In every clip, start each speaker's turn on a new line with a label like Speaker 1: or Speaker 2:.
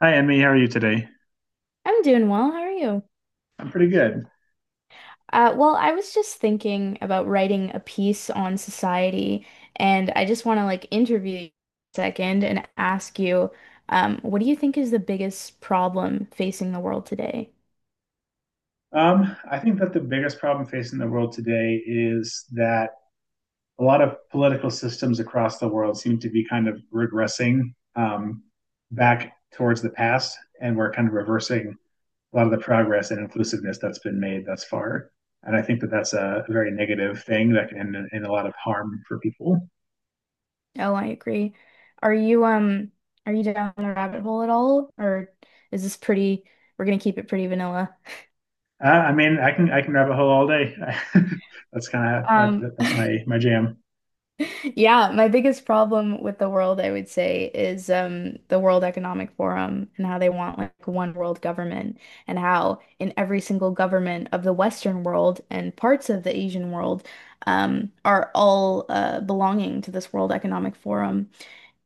Speaker 1: Hi, Emmy. How are you today?
Speaker 2: I'm doing well. How are you?
Speaker 1: I'm pretty good.
Speaker 2: Well, I was just thinking about writing a piece on society, and I just want to like interview you a second and ask you, what do you think is the biggest problem facing the world today?
Speaker 1: I think that the biggest problem facing the world today is that a lot of political systems across the world seem to be kind of regressing back towards the past, and we're kind of reversing a lot of the progress and inclusiveness that's been made thus far. And I think that that's a very negative thing that can end in a lot of harm for people.
Speaker 2: Oh, I agree. Are you are you down the rabbit hole at all, or is this pretty? We're gonna keep it pretty vanilla.
Speaker 1: I mean, I can rabbit hole all day. That's kind of
Speaker 2: Um,
Speaker 1: that's my jam.
Speaker 2: Yeah, my biggest problem with the world, I would say, is the World Economic Forum and how they want like one world government, and how in every single government of the Western world and parts of the Asian world are all belonging to this World Economic Forum.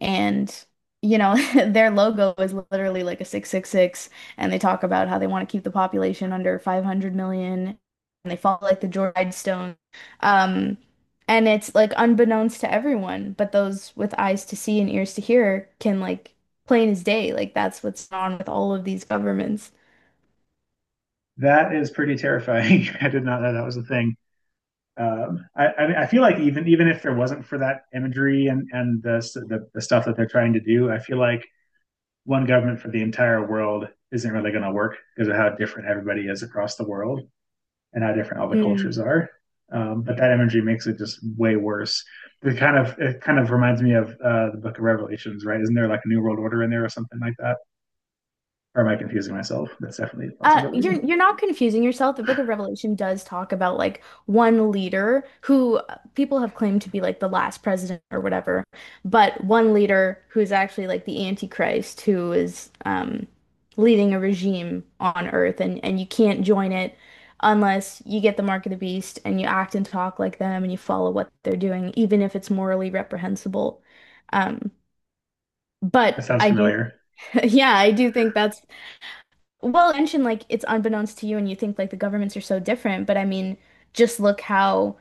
Speaker 2: And you know, their logo is literally like a 666, and they talk about how they want to keep the population under 500 million, and they follow like the George Guidestones. Um, and it's like unbeknownst to everyone, but those with eyes to see and ears to hear can like plain as day. Like that's what's on with all of these governments.
Speaker 1: That is pretty terrifying. I did not know that was a thing. I mean, I feel like even if there wasn't for that imagery and the stuff that they're trying to do, I feel like one government for the entire world isn't really going to work because of how different everybody is across the world and how different all the
Speaker 2: Hmm.
Speaker 1: cultures are. But that imagery makes it just way worse. It kind of reminds me of the Book of Revelations, right? Isn't there like a New World Order in there or something like that? Or am I confusing myself? That's definitely a
Speaker 2: You're
Speaker 1: possibility.
Speaker 2: you're not confusing yourself. The Book of Revelation does talk about like one leader who people have claimed to be like the last president or whatever, but one leader who is actually like the Antichrist who is leading a regime on Earth and you can't join it unless you get the mark of the beast and you act and talk like them and you follow what they're doing, even if it's morally reprehensible. Um, but
Speaker 1: That sounds
Speaker 2: I do,
Speaker 1: familiar.
Speaker 2: yeah, I do think that's well, you mentioned like it's unbeknownst to you, and you think like the governments are so different, but I mean, just look how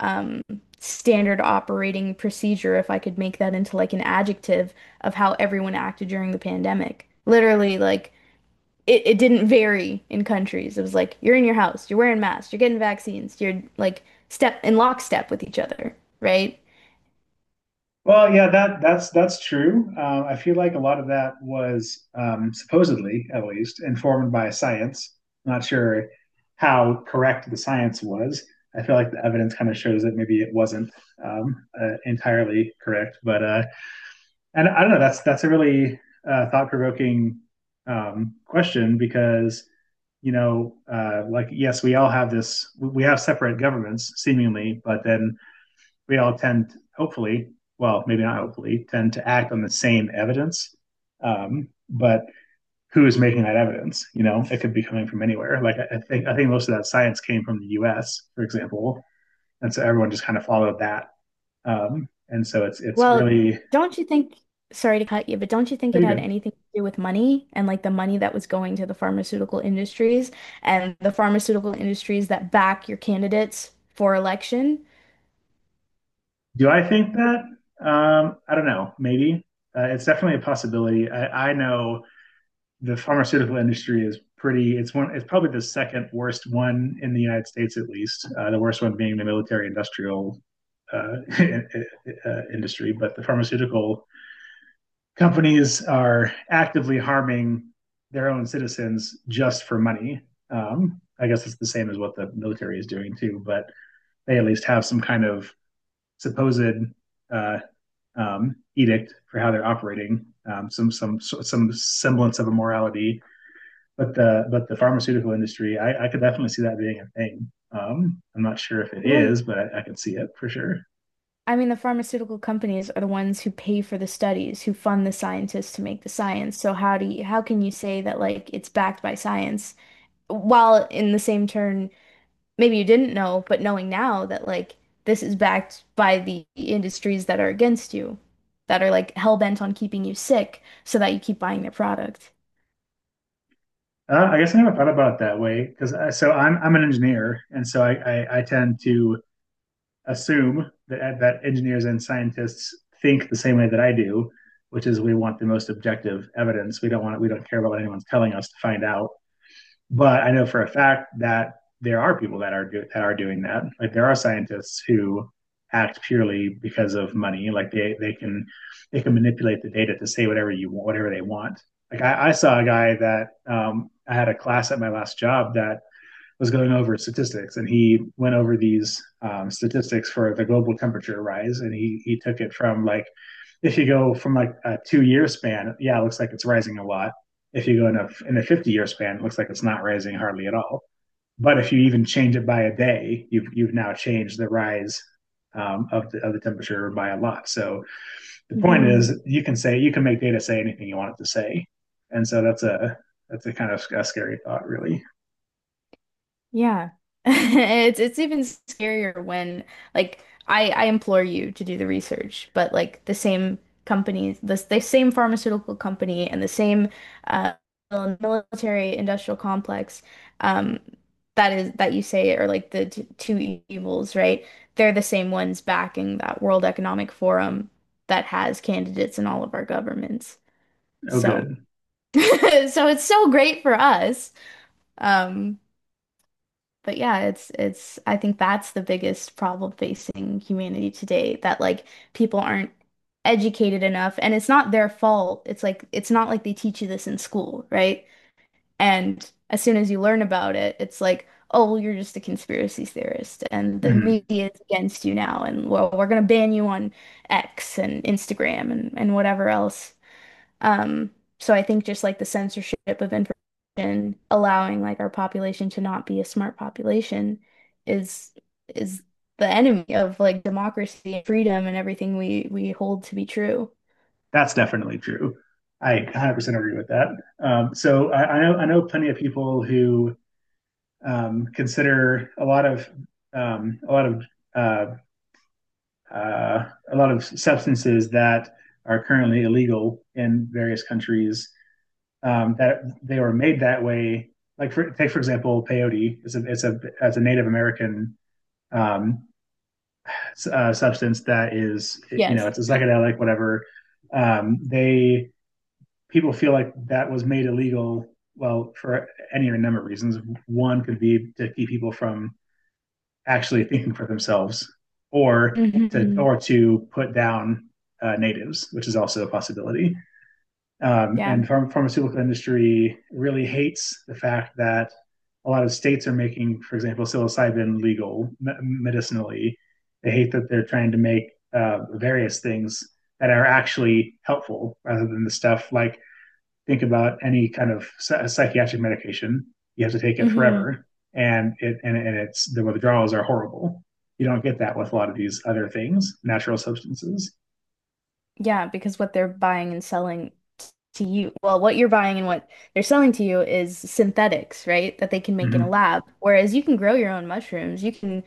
Speaker 2: um, standard operating procedure, if I could make that into like an adjective of how everyone acted during the pandemic. Literally, like it didn't vary in countries. It was like you're in your house, you're wearing masks, you're getting vaccines, you're like step in lockstep with each other, right?
Speaker 1: Well, yeah, that's true. I feel like a lot of that was supposedly, at least, informed by science. Not sure how correct the science was. I feel like the evidence kind of shows that maybe it wasn't entirely correct. But and I don't know. That's a really thought-provoking question because like yes, we all have this. We have separate governments seemingly, but then we all tend, to, hopefully, well, maybe not hopefully, tend to act on the same evidence. But who is making that evidence? You know, it could be coming from anywhere. I think most of that science came from the U.S., for example, and so everyone just kind of followed that. And so it's
Speaker 2: Well,
Speaker 1: really
Speaker 2: don't you think, sorry to cut you, but don't you think it
Speaker 1: pretty
Speaker 2: had
Speaker 1: good.
Speaker 2: anything to do with money and like the money that was going to the pharmaceutical industries and the pharmaceutical industries that back your candidates for election?
Speaker 1: Do I think that? I don't know. Maybe it's definitely a possibility. I know the pharmaceutical industry is pretty it's one it's probably the second worst one in the united states, at least. The worst one being the military industrial uh, industry. But the pharmaceutical companies are actively harming their own citizens just for money. I guess it's the same as what the military is doing too, but they at least have some kind of supposed uh, edict for how they're operating, some some semblance of a morality. But the pharmaceutical industry, I could definitely see that being a thing. I'm not sure if it
Speaker 2: Well,
Speaker 1: is, but I could see it for sure.
Speaker 2: I mean, the pharmaceutical companies are the ones who pay for the studies, who fund the scientists to make the science. So how do you, how can you say that like it's backed by science while in the same turn maybe you didn't know, but knowing now that like this is backed by the industries that are against you, that are like hell bent on keeping you sick so that you keep buying their product.
Speaker 1: I guess I never thought about it that way because so I'm an engineer, and so I tend to assume that engineers and scientists think the same way that I do, which is we want the most objective evidence. We don't care about what anyone's telling us to find out. But I know for a fact that there are people that are doing that. Like there are scientists who act purely because of money. Like they can they can manipulate the data to say whatever you want, whatever they want. I saw a guy that I had a class at my last job that was going over statistics, and he went over these statistics for the global temperature rise, and he took it from like if you go from like a 2 year span, yeah, it looks like it's rising a lot. If you go in a 50-year span, it looks like it's not rising hardly at all. But if you even change it by a day, you've now changed the rise of the temperature by a lot. So the point is you can make data say anything you want it to say. And so that's a kind of a scary thought, really.
Speaker 2: Yeah. It's even scarier when like I implore you to do the research, but like the same company, the same pharmaceutical company and the same uh military industrial complex um that is that you say are like the t two evils, right? They're the same ones backing that World Economic Forum that has candidates in all of our governments.
Speaker 1: Oh
Speaker 2: So
Speaker 1: good.
Speaker 2: so it's so great for us. Um but yeah, it's I think that's the biggest problem facing humanity today that like people aren't educated enough and it's not their fault. It's like it's not like they teach you this in school, right? And as soon as you learn about it, it's like, oh, well, you're just a conspiracy theorist and the
Speaker 1: Mm-hmm.
Speaker 2: media is against you now and well, we're gonna ban you on X and Instagram and whatever else. Um, so I think just like the censorship of information, allowing like our population to not be a smart population is is the enemy of like democracy and freedom and everything we hold to be true.
Speaker 1: That's definitely true. I 100% agree with that. I know plenty of people who consider a lot of a lot of uh, a lot of substances that are currently illegal in various countries, that they were made that way. Take for example, peyote is a, as a Native American, um, substance that is, you know,
Speaker 2: Yes.
Speaker 1: it's a psychedelic whatever. They people feel like that was made illegal. Well, for any number of reasons. One could be to keep people from actually thinking for themselves, or to
Speaker 2: Hmm.
Speaker 1: or to put down natives, which is also a possibility. Um,
Speaker 2: Yeah.
Speaker 1: and pharm- pharmaceutical industry really hates the fact that a lot of states are making, for example, psilocybin legal, medicinally. They hate that they're trying to make various things that are actually helpful, rather than the stuff like think about any kind of psychiatric medication. You have to take it
Speaker 2: Hmm.
Speaker 1: forever, and and it's the withdrawals are horrible. You don't get that with a lot of these other things, natural substances.
Speaker 2: Yeah, because what they're buying and selling t- to you, well, what you're buying and what they're selling to you is synthetics, right? That they can make in a
Speaker 1: Hmm,
Speaker 2: lab. Whereas you can grow your own mushrooms, you can,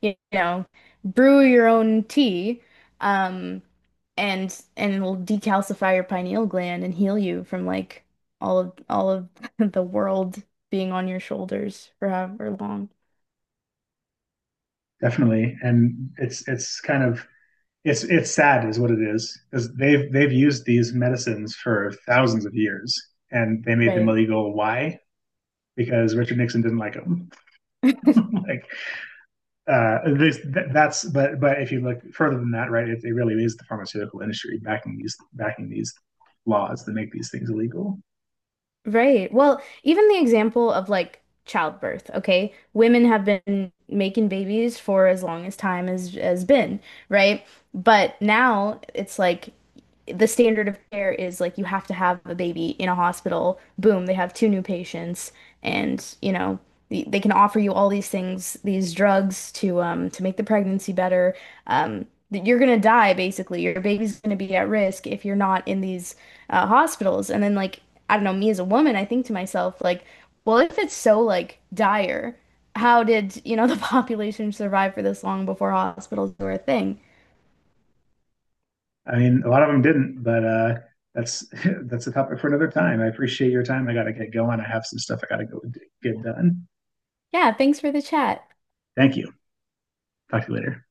Speaker 2: you know, brew your own tea, um, and it'll decalcify your pineal gland and heal you from like all of the world being on your shoulders for however long.
Speaker 1: definitely. And it's it's sad is what it is, because they've used these medicines for thousands of years, and they made them
Speaker 2: Right.
Speaker 1: illegal. Why? Because Richard Nixon didn't like them. Like that's, but if you look further than that, right? It really is the pharmaceutical industry backing these, laws that make these things illegal.
Speaker 2: Right. Well, even the example of like childbirth, okay? Women have been making babies for as long as time has been, right? But now it's like the standard of care is like you have to have a baby in a hospital. Boom, they have 2 new patients, and you know they can offer you all these things, these drugs to make the pregnancy better. That you're gonna die basically. Your baby's gonna be at risk if you're not in these hospitals. And then like I don't know, me as a woman, I think to myself like, well, if it's so like dire, how did you know the population survive for this long before hospitals were a thing?
Speaker 1: I mean, a lot of them didn't, but that's that's a topic for another time. I appreciate your time. I got to get going. I have some stuff I got to go get done.
Speaker 2: Yeah, thanks for the chat.
Speaker 1: Thank you. Talk to you later.